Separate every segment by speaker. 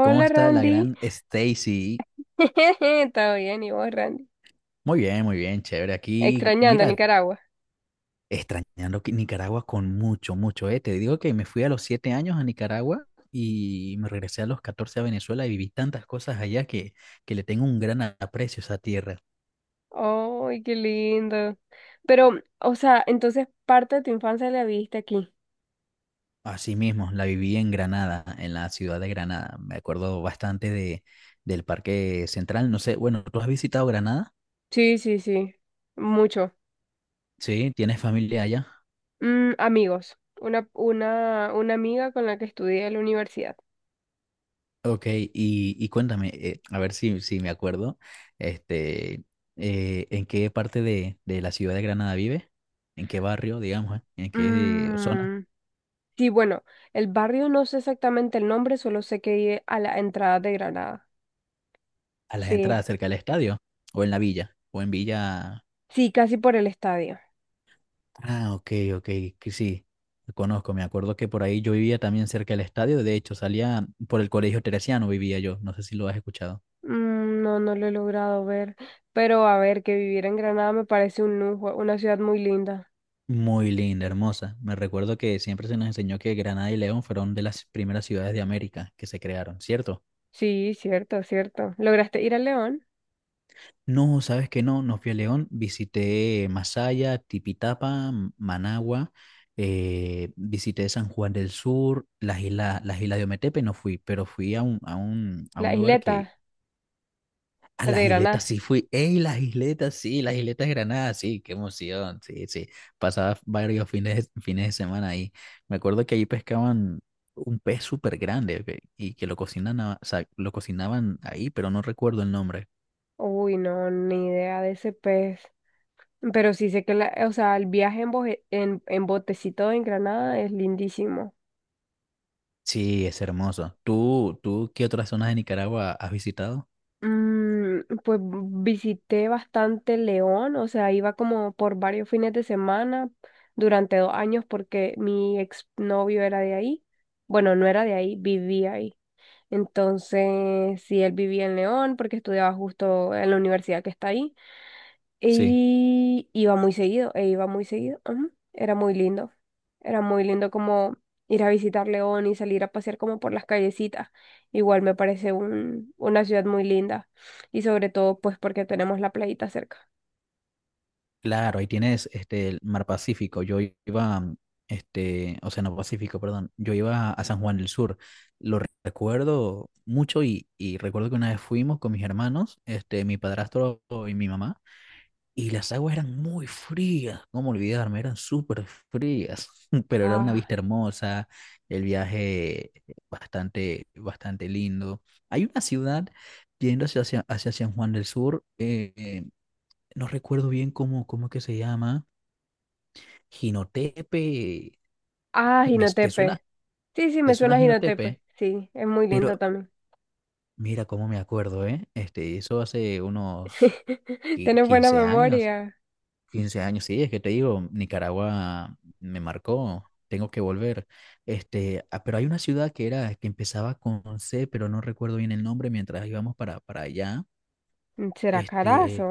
Speaker 1: ¿Cómo está la
Speaker 2: Randy.
Speaker 1: gran Stacy?
Speaker 2: Todo bien, ¿y vos, Randy?
Speaker 1: Muy bien, chévere. Aquí,
Speaker 2: Extrañando a
Speaker 1: mira,
Speaker 2: Nicaragua.
Speaker 1: extrañando que Nicaragua con mucho, mucho, ¿eh? Te digo que me fui a los siete años a Nicaragua y me regresé a los 14 a Venezuela y viví tantas cosas allá que le tengo un gran aprecio a esa tierra.
Speaker 2: ¡Ay, qué lindo! Pero, o sea, entonces parte de tu infancia la viviste aquí.
Speaker 1: Así mismo, la viví en Granada, en la ciudad de Granada. Me acuerdo bastante del Parque Central. No sé, bueno, ¿tú has visitado Granada?
Speaker 2: Sí, sí, sí. Mucho.
Speaker 1: Sí, ¿tienes familia allá?
Speaker 2: Mm, amigos. Una amiga con la que estudié en la universidad.
Speaker 1: Ok, y cuéntame, a ver si me acuerdo, este, ¿en qué parte de la ciudad de Granada vive? ¿En qué barrio, digamos, eh? ¿En qué zona?
Speaker 2: Mm, sí, bueno, el barrio no sé exactamente el nombre, solo sé que vive a la entrada de Granada.
Speaker 1: ¿A las
Speaker 2: Sí,
Speaker 1: entradas cerca del estadio? ¿O en la villa? ¿O en Villa?
Speaker 2: sí, casi por el estadio.
Speaker 1: Ah, ok, ok, que sí, lo conozco, me acuerdo que por ahí yo vivía también cerca del estadio. De hecho, salía por el Colegio Teresiano, vivía yo, no sé si lo has escuchado.
Speaker 2: Mm, no, no lo he logrado ver, pero a ver, que vivir en Granada me parece un lujo, una ciudad muy linda.
Speaker 1: Muy linda, hermosa. Me recuerdo que siempre se nos enseñó que Granada y León fueron de las primeras ciudades de América que se crearon, ¿cierto?
Speaker 2: Sí, cierto, cierto. ¿Lograste ir a León?
Speaker 1: No, sabes que no, no fui a León, visité Masaya, Tipitapa, Managua, visité San Juan del Sur, las islas, de Ometepe no fui, pero fui a un
Speaker 2: La
Speaker 1: lugar.
Speaker 2: isleta,
Speaker 1: A
Speaker 2: la de
Speaker 1: las
Speaker 2: Granada.
Speaker 1: isletas sí fui. ¡Ey! Las isletas sí, las isletas de Granada, sí, qué emoción, sí, sí, pasaba varios fines de semana ahí. Me acuerdo que allí pescaban un pez súper grande y que lo cocinan, o sea, lo cocinaban ahí, pero no recuerdo el nombre.
Speaker 2: Uy, no, ni idea de ese pez. Pero sí sé que la, o sea, el viaje en botecito en Granada es lindísimo.
Speaker 1: Sí, es hermoso. ¿Tú qué otras zonas de Nicaragua has visitado?
Speaker 2: Mm, pues visité bastante León, o sea, iba como por varios fines de semana durante dos años porque mi exnovio era de ahí. Bueno, no era de ahí, vivía ahí. Entonces, sí, él vivía en León porque estudiaba justo en la universidad que está ahí.
Speaker 1: Sí,
Speaker 2: E iba muy seguido. Ujú. Era muy lindo. Era muy lindo como ir a visitar León y salir a pasear como por las callecitas. Igual me parece una ciudad muy linda. Y sobre todo, pues porque tenemos la playita cerca.
Speaker 1: claro, ahí tienes el Mar Pacífico. Yo iba, Océano Pacífico, perdón. Yo iba a San Juan del Sur. Lo recuerdo mucho y recuerdo que una vez fuimos con mis hermanos, mi padrastro y mi mamá. Y las aguas eran muy frías, cómo olvidarme, eran súper frías, pero era una vista
Speaker 2: Ah,
Speaker 1: hermosa, el viaje bastante, bastante lindo. Hay una ciudad yendo hacia San Juan del Sur, no recuerdo bien cómo es que se llama, Jinotepe,
Speaker 2: ah,
Speaker 1: ¿te suena?
Speaker 2: Jinotepe. Sí, sí,
Speaker 1: ¿Te
Speaker 2: me
Speaker 1: suena
Speaker 2: suena a Jinotepe.
Speaker 1: Jinotepe?
Speaker 2: Sí, es muy lindo
Speaker 1: Pero
Speaker 2: también.
Speaker 1: mira cómo me acuerdo, ¿eh? Eso hace unos
Speaker 2: Tienes buena
Speaker 1: 15 años,
Speaker 2: memoria.
Speaker 1: 15 años, sí, es que te digo, Nicaragua me marcó, tengo que volver. Pero hay una ciudad que empezaba con C, pero no recuerdo bien el nombre mientras íbamos para allá.
Speaker 2: ¿Será
Speaker 1: Este,
Speaker 2: carazo?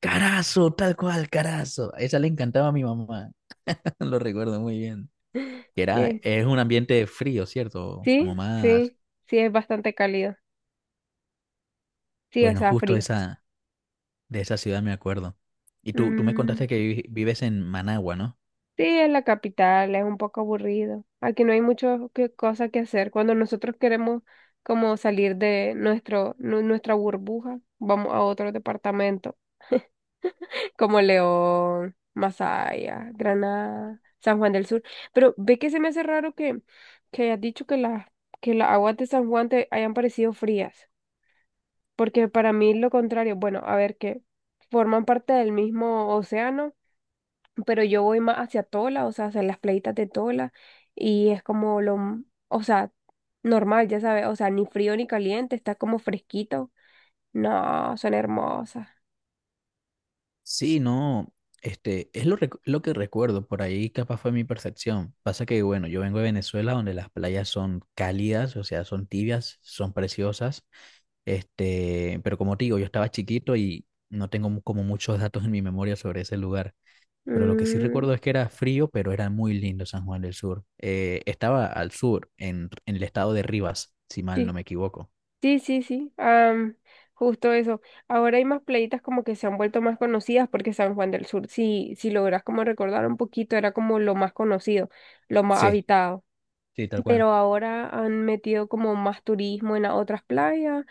Speaker 1: Carazo, tal cual, Carazo. A esa le encantaba a mi mamá, lo recuerdo muy bien. Que
Speaker 2: ¿Qué?
Speaker 1: es un ambiente frío, ¿cierto?
Speaker 2: Sí,
Speaker 1: Como más,
Speaker 2: sí, sí, es bastante cálido. Sí, o
Speaker 1: bueno,
Speaker 2: sea,
Speaker 1: justo
Speaker 2: frío.
Speaker 1: esa, de esa ciudad me acuerdo. Y tú me contaste
Speaker 2: Mm.
Speaker 1: que vives en Managua, ¿no?
Speaker 2: Sí, en la capital es un poco aburrido. Aquí no hay muchas cosas que hacer. Cuando nosotros queremos como salir de nuestra burbuja, vamos a otro departamento, como León, Masaya, Granada, San Juan del Sur. Pero ve que se me hace raro que hayas dicho que las aguas de San Juan te hayan parecido frías, porque para mí lo contrario, bueno, a ver que forman parte del mismo océano pero yo voy más hacia Tola, o sea, hacia las playitas de Tola, y es o sea, normal, ya sabes, o sea, ni frío ni caliente, está como fresquito. No, son hermosas.
Speaker 1: Sí, no, lo que recuerdo, por ahí capaz fue mi percepción. Pasa que, bueno, yo vengo de Venezuela donde las playas son cálidas, o sea, son tibias, son preciosas, pero como te digo, yo estaba chiquito y no tengo como muchos datos en mi memoria sobre ese lugar. Pero lo que sí recuerdo
Speaker 2: Mm,
Speaker 1: es que era frío, pero era muy lindo San Juan del Sur. Estaba al sur, en el estado de Rivas, si mal no
Speaker 2: sí,
Speaker 1: me equivoco.
Speaker 2: sí, am, justo eso. Ahora hay más playitas como que se han vuelto más conocidas porque San Juan del Sur, si logras como recordar un poquito, era como lo más conocido, lo más
Speaker 1: Sí,
Speaker 2: habitado.
Speaker 1: sí, tal cual.
Speaker 2: Pero ahora han metido como más turismo en las otras playas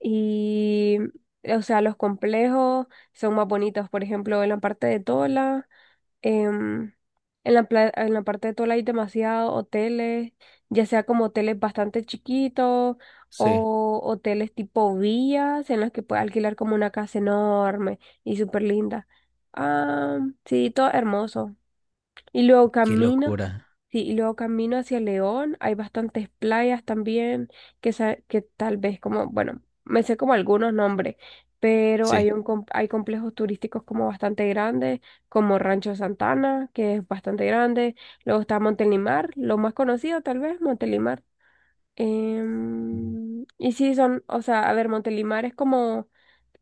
Speaker 2: y, o sea, los complejos son más bonitos. Por ejemplo, en la parte de Tola, em, en en la parte de Tola hay demasiados hoteles, ya sea como hoteles bastante chiquitos
Speaker 1: Sí.
Speaker 2: o hoteles tipo villas en los que puedes alquilar como una casa enorme y súper linda. Ah, sí, todo hermoso. Y luego
Speaker 1: Qué
Speaker 2: camino,
Speaker 1: locura.
Speaker 2: sí, y luego camino hacia León. Hay bastantes playas también que tal vez como, bueno, me sé como algunos nombres, pero
Speaker 1: Sí.
Speaker 2: hay hay complejos turísticos como bastante grandes, como Rancho Santana, que es bastante grande. Luego está Montelimar, lo más conocido tal vez, Montelimar.
Speaker 1: Mm.
Speaker 2: Em, y sí, son, o sea, a ver, Montelimar es como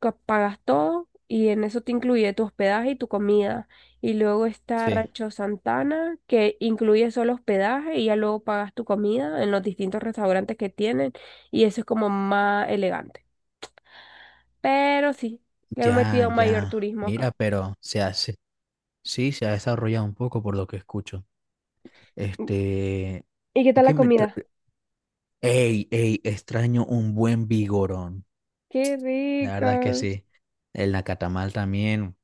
Speaker 2: que pagas todo y en eso te incluye tu hospedaje y tu comida. Y luego está
Speaker 1: Sí.
Speaker 2: Rancho Santana, que incluye solo hospedaje y ya luego pagas tu comida en los distintos restaurantes que tienen. Y eso es como más elegante. Pero sí, le han
Speaker 1: Ya,
Speaker 2: metido mayor
Speaker 1: ya.
Speaker 2: turismo acá.
Speaker 1: Mira, pero sí, se ha desarrollado un poco por lo que escucho. Este,
Speaker 2: ¿Y qué
Speaker 1: es
Speaker 2: tal la
Speaker 1: que
Speaker 2: comida?
Speaker 1: ey, ey, extraño un buen vigorón.
Speaker 2: ¡Qué
Speaker 1: La verdad es que
Speaker 2: ricas!
Speaker 1: sí. El nacatamal también.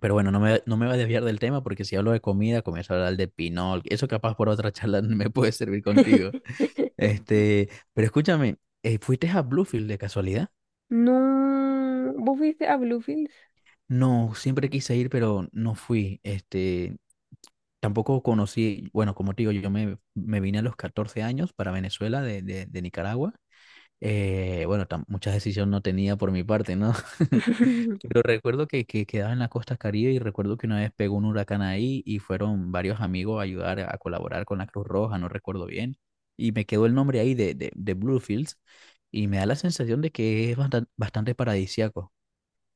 Speaker 1: Pero bueno, no me voy a desviar del tema porque si hablo de comida, comienzo a hablar de pinol. Eso capaz por otra charla me puede servir contigo. Este, pero escúchame, ¿fuiste a Bluefield de casualidad?
Speaker 2: No, ¿vos fuiste a Bluefields?
Speaker 1: No, siempre quise ir, pero no fui. Tampoco conocí, bueno, como te digo, yo me vine a los 14 años para Venezuela de Nicaragua. Bueno, muchas decisiones no tenía por mi parte, ¿no? Pero recuerdo que quedaba en la costa Caribe y recuerdo que una vez pegó un huracán ahí y fueron varios amigos a ayudar a colaborar con la Cruz Roja, no recuerdo bien. Y me quedó el nombre ahí de Bluefields y me da la sensación de que es bastante, bastante paradisíaco.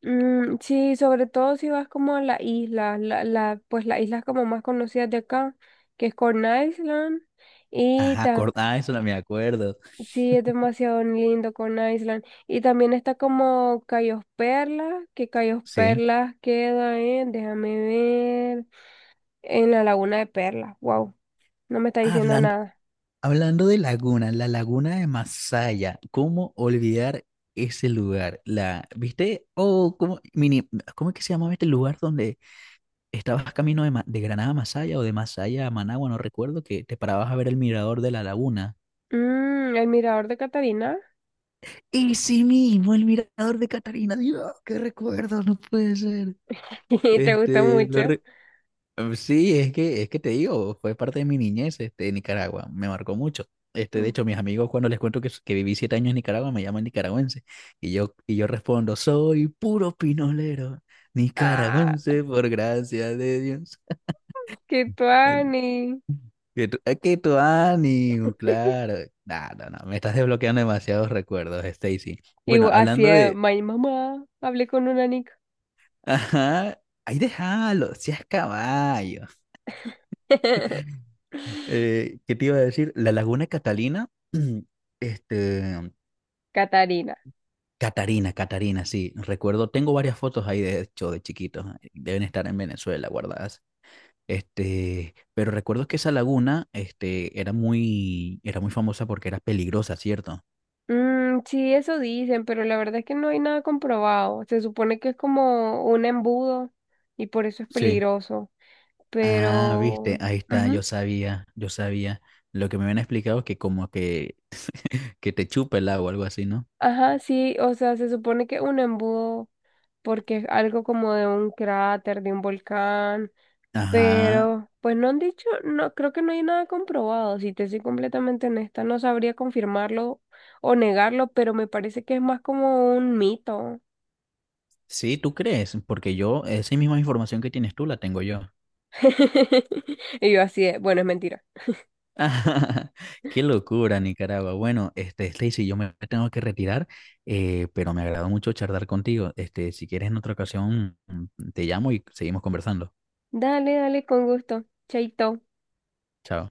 Speaker 2: Mm, sí, sobre todo si vas como a la isla pues las islas como más conocidas de acá, que es Corn Island, y
Speaker 1: Ajá,
Speaker 2: ta,
Speaker 1: ah, eso no me acuerdo.
Speaker 2: sí, es demasiado lindo Corn Island. Y también está como Cayos Perlas, que Cayos
Speaker 1: Sí.
Speaker 2: Perlas queda en, déjame ver, en la Laguna de Perlas, wow, no me está diciendo
Speaker 1: Habla
Speaker 2: nada.
Speaker 1: Hablando de laguna, la laguna de Masaya, ¿cómo olvidar ese lugar? ¿Viste? Oh, ¿cómo es que se llamaba este lugar donde estabas camino de Granada a Masaya o de Masaya a Managua? No recuerdo, que te parabas a ver el mirador de la laguna.
Speaker 2: Mm, el Mirador de Catarina.
Speaker 1: Ese mismo, el mirador de Catarina. Dios, qué recuerdo, no puede ser.
Speaker 2: ¿Te gusta
Speaker 1: Este,
Speaker 2: mucho?
Speaker 1: Sí, es que, te digo, fue parte de mi niñez, en Nicaragua, me marcó mucho. De
Speaker 2: Mm.
Speaker 1: hecho, mis amigos cuando les cuento que viví siete años en Nicaragua me llaman nicaragüense y yo respondo, soy puro pinolero,
Speaker 2: Ah,
Speaker 1: nicaragüense por gracia de Dios.
Speaker 2: qué
Speaker 1: El-
Speaker 2: tuani.
Speaker 1: Es que tu ánimo, claro. No, no, no, me estás desbloqueando demasiados recuerdos, Stacy.
Speaker 2: Y
Speaker 1: Bueno,
Speaker 2: bu- así,
Speaker 1: hablando de.
Speaker 2: my mamá, hablé con una nica.
Speaker 1: Ajá, ahí déjalo, seas caballo. ¿Qué te iba a decir? La Laguna Catalina, este,
Speaker 2: Catarina.
Speaker 1: Catarina, Catarina, sí, recuerdo, tengo varias fotos ahí de hecho de chiquitos, deben estar en Venezuela guardadas. Pero recuerdo que esa laguna, era muy famosa porque era peligrosa, ¿cierto?
Speaker 2: Mm, sí, eso dicen, pero la verdad es que no hay nada comprobado. Se supone que es como un embudo y por eso es
Speaker 1: Sí.
Speaker 2: peligroso.
Speaker 1: Ah,
Speaker 2: Pero,
Speaker 1: viste, ahí está, yo
Speaker 2: ujú.
Speaker 1: sabía, yo sabía. Lo que me habían explicado es que como que te chupa el agua, algo así, ¿no?
Speaker 2: Ajá, sí, o sea, se supone que es un embudo porque es algo como de un cráter, de un volcán.
Speaker 1: Ajá.
Speaker 2: Pero, pues no han dicho, no, creo que no hay nada comprobado. Si te soy completamente honesta, no sabría confirmarlo o negarlo, pero me parece que es más como un mito.
Speaker 1: Sí, ¿tú crees? Porque yo, esa misma información que tienes tú la tengo yo.
Speaker 2: Y yo así de, bueno, es mentira.
Speaker 1: Qué locura, Nicaragua. Bueno, Stacy, yo me tengo que retirar, pero me agradó mucho charlar contigo. Si quieres en otra ocasión, te llamo y seguimos conversando.
Speaker 2: Dale, dale, con gusto. Chaito.
Speaker 1: Chao.